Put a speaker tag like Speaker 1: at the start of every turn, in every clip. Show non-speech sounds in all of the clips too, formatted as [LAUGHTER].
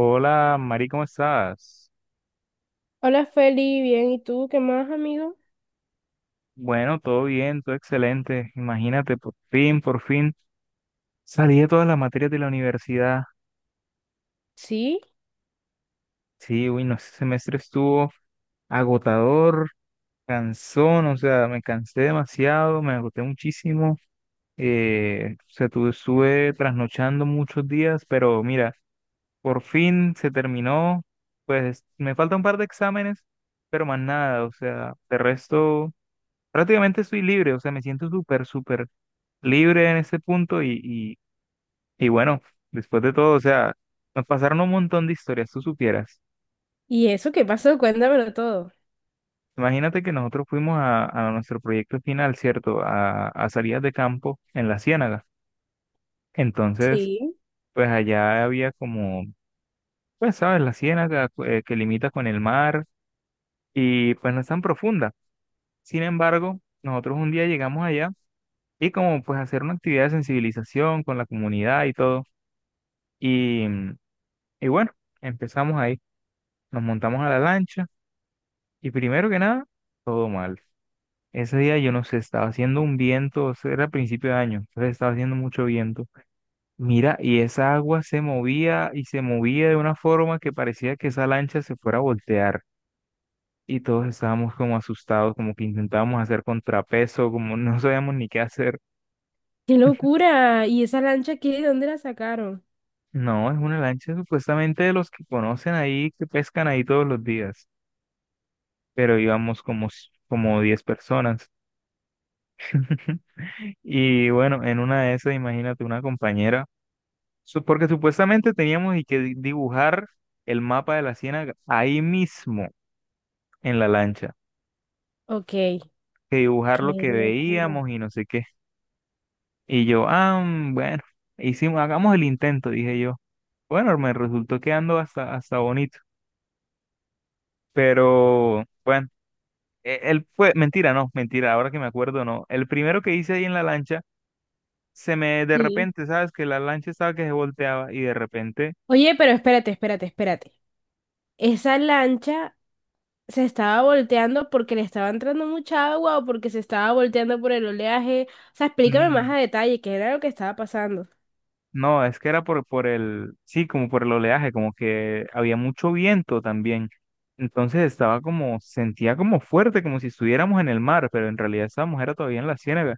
Speaker 1: Hola, Mari, ¿cómo estás?
Speaker 2: Hola Feli, bien, ¿y tú qué más, amigo?
Speaker 1: Bueno, todo bien, todo excelente. Imagínate, por fin salí de todas las materias de la universidad.
Speaker 2: Sí,
Speaker 1: Sí, uy, no, ese semestre estuvo agotador, cansón, o sea, me cansé demasiado, me agoté muchísimo. O sea, estuve trasnochando muchos días, pero mira, por fin se terminó. Pues me falta un par de exámenes, pero más nada, o sea, de resto. Prácticamente estoy libre, o sea, me siento súper, súper libre en ese punto y bueno, después de todo, o sea, nos pasaron un montón de historias, tú supieras.
Speaker 2: ¿y eso qué pasó? Cuéntamelo todo.
Speaker 1: Imagínate que nosotros fuimos a nuestro proyecto final, ¿cierto? A salidas de campo en la Ciénaga. Entonces,
Speaker 2: Sí.
Speaker 1: pues allá había como, pues sabes, la Ciénaga que limita con el mar y pues no es tan profunda. Sin embargo, nosotros un día llegamos allá y como pues hacer una actividad de sensibilización con la comunidad y todo. Y, mm, Y bueno, empezamos ahí, nos montamos a la lancha y primero que nada, todo mal. Ese día yo no sé, estaba haciendo un viento, o sea, era a principio de año, entonces estaba haciendo mucho viento. Mira, y esa agua se movía y se movía de una forma que parecía que esa lancha se fuera a voltear. Y todos estábamos como asustados, como que intentábamos hacer contrapeso, como [LAUGHS] no sabíamos ni qué hacer.
Speaker 2: ¡Qué locura! ¿Y esa lancha qué? ¿De dónde la sacaron?
Speaker 1: No, es una lancha supuestamente de los que conocen ahí, que pescan ahí todos los días, pero íbamos como, como 10 personas. [LAUGHS] Y bueno, en una de esas, imagínate una compañera, porque supuestamente teníamos y que dibujar el mapa de la ciénaga ahí mismo en la lancha,
Speaker 2: Ok, qué
Speaker 1: que dibujar lo que
Speaker 2: locura.
Speaker 1: veíamos y no sé qué. Y yo, bueno, hagamos el intento, dije yo. Bueno, me resultó quedando hasta bonito, pero bueno, él fue, mentira, no, mentira, ahora que me acuerdo, no. El primero que hice ahí en la lancha, se me de
Speaker 2: Sí.
Speaker 1: repente, ¿sabes? Que la lancha estaba que se volteaba y de repente.
Speaker 2: Oye, pero espérate, espérate, espérate. ¿Esa lancha se estaba volteando porque le estaba entrando mucha agua o porque se estaba volteando por el oleaje? O sea, explícame más
Speaker 1: Mm,
Speaker 2: a detalle qué era lo que estaba pasando.
Speaker 1: No, es que era por el, sí, como por el oleaje, como que había mucho viento también. Entonces sentía como fuerte, como si estuviéramos en el mar, pero en realidad estábamos era todavía en la ciénaga.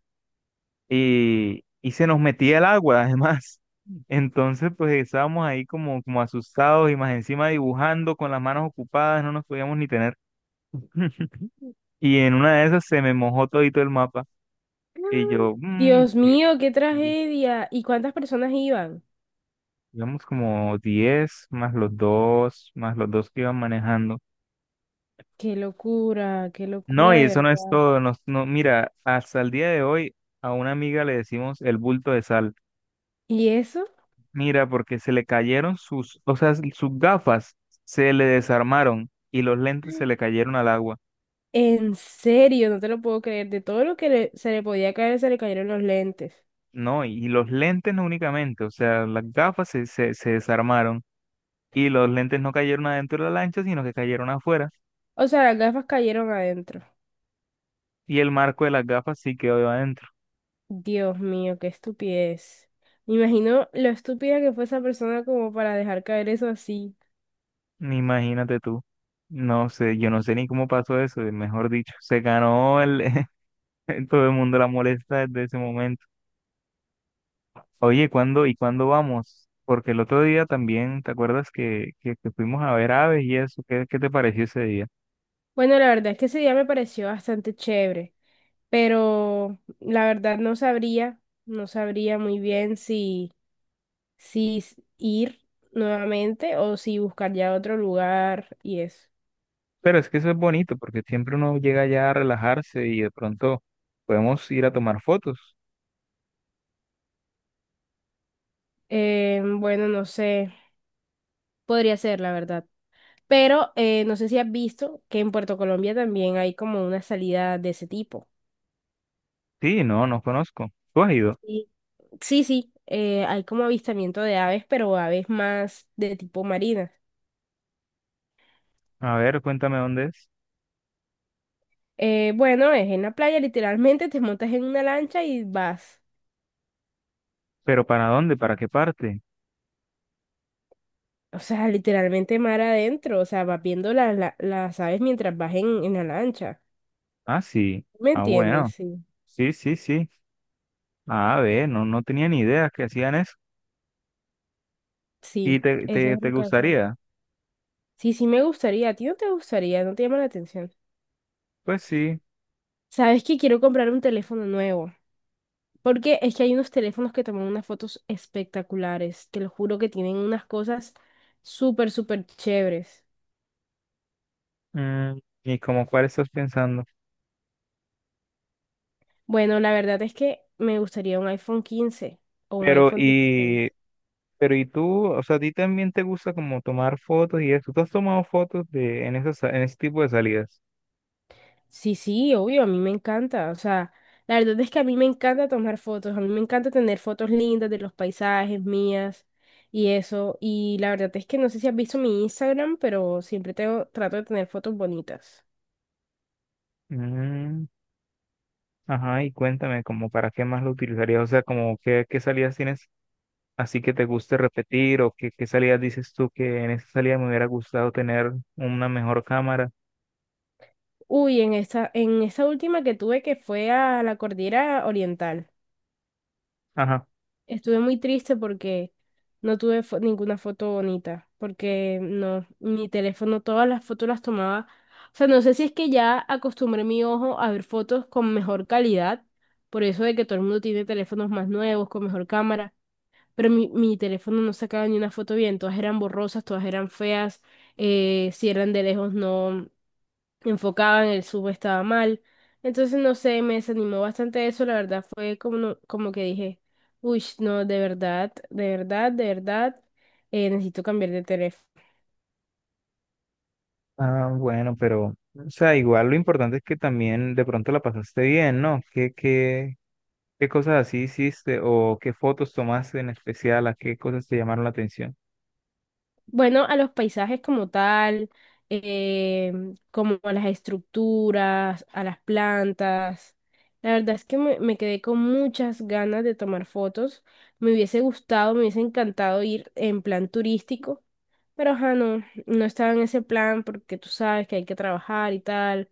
Speaker 1: Y se nos metía el agua, [LAUGHS] además. Entonces, pues estábamos ahí como asustados y más encima dibujando con las manos ocupadas, no nos podíamos ni tener. [LAUGHS] Y en una de esas se me mojó todito el mapa. Y yo,
Speaker 2: [GASPS] Dios
Speaker 1: ¿qué?
Speaker 2: mío, qué tragedia. ¿Y cuántas personas iban?
Speaker 1: Digamos como 10 más los dos que iban manejando.
Speaker 2: Qué
Speaker 1: No,
Speaker 2: locura
Speaker 1: y
Speaker 2: de
Speaker 1: eso no es
Speaker 2: verdad.
Speaker 1: todo. No, mira, hasta el día de hoy a una amiga le decimos el bulto de sal.
Speaker 2: ¿Y eso?
Speaker 1: Mira, porque se le cayeron sus, o sea, sus gafas se le desarmaron y los lentes se le cayeron al agua.
Speaker 2: En serio, no te lo puedo creer. De todo lo que se le podía caer, se le cayeron los lentes.
Speaker 1: No, y los lentes no únicamente, o sea, las gafas se desarmaron y los lentes no cayeron adentro de la lancha, sino que cayeron afuera.
Speaker 2: O sea, las gafas cayeron adentro.
Speaker 1: Y el marco de las gafas sí quedó adentro.
Speaker 2: Dios mío, qué estupidez. Me imagino lo estúpida que fue esa persona como para dejar caer eso así.
Speaker 1: Imagínate tú. No sé, yo no sé ni cómo pasó eso, mejor dicho, se ganó el [LAUGHS] todo el mundo la molesta desde ese momento. Oye, ¿cuándo y cuándo vamos? Porque el otro día también, ¿te acuerdas que fuimos a ver aves y eso? ¿Qué te pareció ese día?
Speaker 2: Bueno, la verdad es que ese día me pareció bastante chévere, pero la verdad no sabría, no sabría muy bien si ir nuevamente o si buscar ya otro lugar y eso.
Speaker 1: Pero es que eso es bonito, porque siempre uno llega ya a relajarse y de pronto podemos ir a tomar fotos.
Speaker 2: Bueno, no sé, podría ser, la verdad. Pero no sé si has visto que en Puerto Colombia también hay como una salida de ese tipo.
Speaker 1: Sí, no, no conozco. ¿Tú has ido?
Speaker 2: Sí. Sí, sí, hay como avistamiento de aves, pero aves más de tipo marinas.
Speaker 1: A ver, cuéntame dónde es.
Speaker 2: Bueno, es en la playa, literalmente te montas en una lancha y vas.
Speaker 1: ¿Pero para dónde? ¿Para qué parte?
Speaker 2: O sea, literalmente mar adentro, o sea, vas viendo las aves mientras vas en la lancha.
Speaker 1: Ah, sí.
Speaker 2: ¿Me
Speaker 1: Ah,
Speaker 2: entiendes?
Speaker 1: bueno.
Speaker 2: Sí.
Speaker 1: Sí, sí, sí. Ah, ve, no, no tenía ni idea que hacían eso. ¿Y
Speaker 2: Sí,
Speaker 1: te,
Speaker 2: eso
Speaker 1: te,
Speaker 2: es
Speaker 1: te
Speaker 2: lo que hace.
Speaker 1: gustaría?
Speaker 2: Sí, sí me gustaría. ¿A ti no te gustaría? ¿No te llama la atención?
Speaker 1: Pues sí.
Speaker 2: ¿Sabes que quiero comprar un teléfono nuevo? Porque es que hay unos teléfonos que toman unas fotos espectaculares. Te lo juro que tienen unas cosas súper, súper chéveres.
Speaker 1: Mm, ¿Y como cuál estás pensando?
Speaker 2: Bueno, la verdad es que me gustaría un iPhone 15 o un
Speaker 1: Pero,
Speaker 2: iPhone 16.
Speaker 1: y, pero, ¿y tú? O sea, ¿a ti también te gusta como tomar fotos y eso? ¿Tú has tomado fotos en ese tipo de salidas?
Speaker 2: Sí, sí, obvio, a mí me encanta. O sea, la verdad es que a mí me encanta tomar fotos, a mí me encanta tener fotos lindas de los paisajes mías y eso. Y la verdad es que no sé si has visto mi Instagram, pero siempre tengo, trato de tener fotos bonitas.
Speaker 1: Mm, ajá, y cuéntame, ¿como para qué más lo utilizarías? O sea, como qué, qué, salidas tienes así que te guste repetir o qué salidas dices tú que en esa salida me hubiera gustado tener una mejor cámara.
Speaker 2: Uy, en esta última que tuve que fue a la cordillera oriental.
Speaker 1: Ajá.
Speaker 2: Estuve muy triste porque no tuve ninguna foto bonita, porque no, mi teléfono, todas las fotos las tomaba. O sea, no sé si es que ya acostumbré mi ojo a ver fotos con mejor calidad, por eso de que todo el mundo tiene teléfonos más nuevos, con mejor cámara, pero mi teléfono no sacaba ni una foto bien, todas eran borrosas, todas eran feas, si eran de lejos no, enfocaban, el sub estaba mal. Entonces, no sé, me desanimó bastante eso, la verdad fue como, como que dije, uy, no, de verdad, de verdad, de verdad, necesito cambiar de teléfono.
Speaker 1: Ah, bueno, pero, o sea, igual lo importante es que también de pronto la pasaste bien, ¿no? ¿Qué cosas así hiciste o qué fotos tomaste en especial, a qué cosas te llamaron la atención?
Speaker 2: Bueno, a los paisajes como tal, eh, como a las estructuras, a las plantas. La verdad es que me quedé con muchas ganas de tomar fotos. Me hubiese gustado, me hubiese encantado ir en plan turístico. Pero ajá, no, no estaba en ese plan porque tú sabes que hay que trabajar y tal.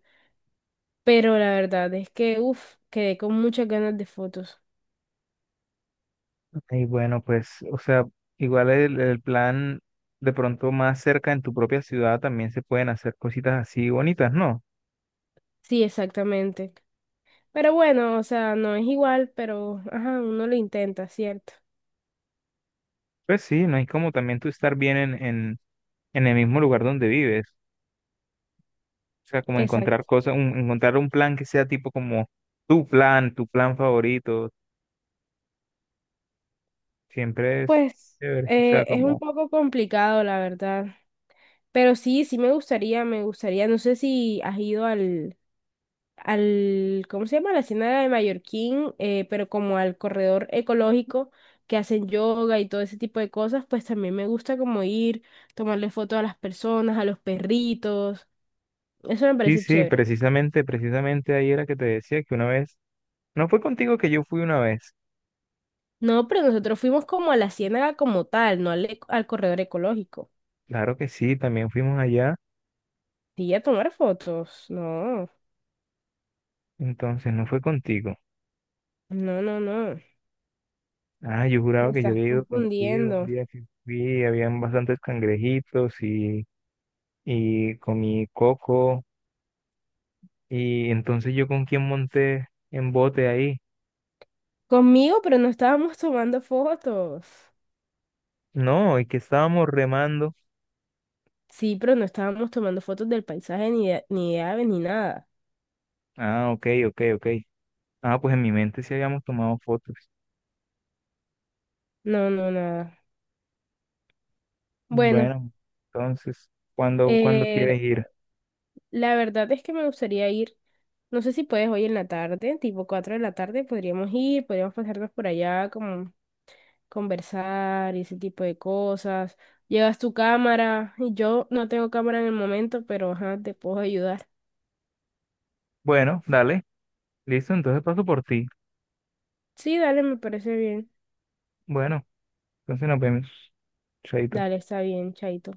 Speaker 2: Pero la verdad es que, uff, quedé con muchas ganas de fotos.
Speaker 1: Y bueno, pues, o sea, igual el plan de pronto más cerca en tu propia ciudad también se pueden hacer cositas así bonitas, ¿no?
Speaker 2: Sí, exactamente. Pero bueno, o sea, no es igual, pero ajá, uno lo intenta, ¿cierto?
Speaker 1: Pues sí, no es como también tú estar bien en, en el mismo lugar donde vives. O sea, como encontrar
Speaker 2: Exacto.
Speaker 1: cosas, encontrar un plan que sea tipo como tu plan favorito, siempre es
Speaker 2: Pues
Speaker 1: chévere. O sea,
Speaker 2: es un
Speaker 1: como,
Speaker 2: poco complicado, la verdad. Pero sí, sí me gustaría, me gustaría. No sé si has ido al, ¿cómo se llama? A la Hacienda de Mallorquín, pero como al corredor ecológico que hacen yoga y todo ese tipo de cosas, pues también me gusta como ir, tomarle fotos a las personas, a los perritos, eso me
Speaker 1: sí,
Speaker 2: parece
Speaker 1: sí,
Speaker 2: chévere.
Speaker 1: precisamente, precisamente ahí era que te decía que una vez, no fue contigo que yo fui una vez.
Speaker 2: No, pero nosotros fuimos como a la ciénaga como tal, no al, eco- al corredor ecológico.
Speaker 1: Claro que sí, también fuimos allá,
Speaker 2: Sí, a tomar fotos. No,
Speaker 1: entonces no fue contigo.
Speaker 2: no, no, no.
Speaker 1: Ah, yo
Speaker 2: Me
Speaker 1: juraba que yo
Speaker 2: estás
Speaker 1: había ido contigo un
Speaker 2: confundiendo.
Speaker 1: día que fui, habían bastantes cangrejitos y comí coco. Y entonces yo con quién monté en bote ahí.
Speaker 2: Conmigo, pero no estábamos tomando fotos.
Speaker 1: No, es que estábamos remando.
Speaker 2: Sí, pero no estábamos tomando fotos del paisaje ni de, ni de aves ni nada.
Speaker 1: Ah, ok, ok, ok. Ah, pues en mi mente sí habíamos tomado fotos.
Speaker 2: No, no, nada. Bueno,
Speaker 1: Bueno, entonces, ¿cuándo
Speaker 2: eh,
Speaker 1: quieres ir?
Speaker 2: la verdad es que me gustaría ir. No sé si puedes hoy en la tarde, tipo 4 de la tarde, podríamos ir, podríamos pasarnos por allá, como conversar y ese tipo de cosas. Llevas tu cámara y yo no tengo cámara en el momento, pero ajá, te puedo ayudar.
Speaker 1: Bueno, dale, listo, entonces paso por ti.
Speaker 2: Sí, dale, me parece bien.
Speaker 1: Bueno, entonces nos vemos. Chaito.
Speaker 2: Dale, está bien, chaito.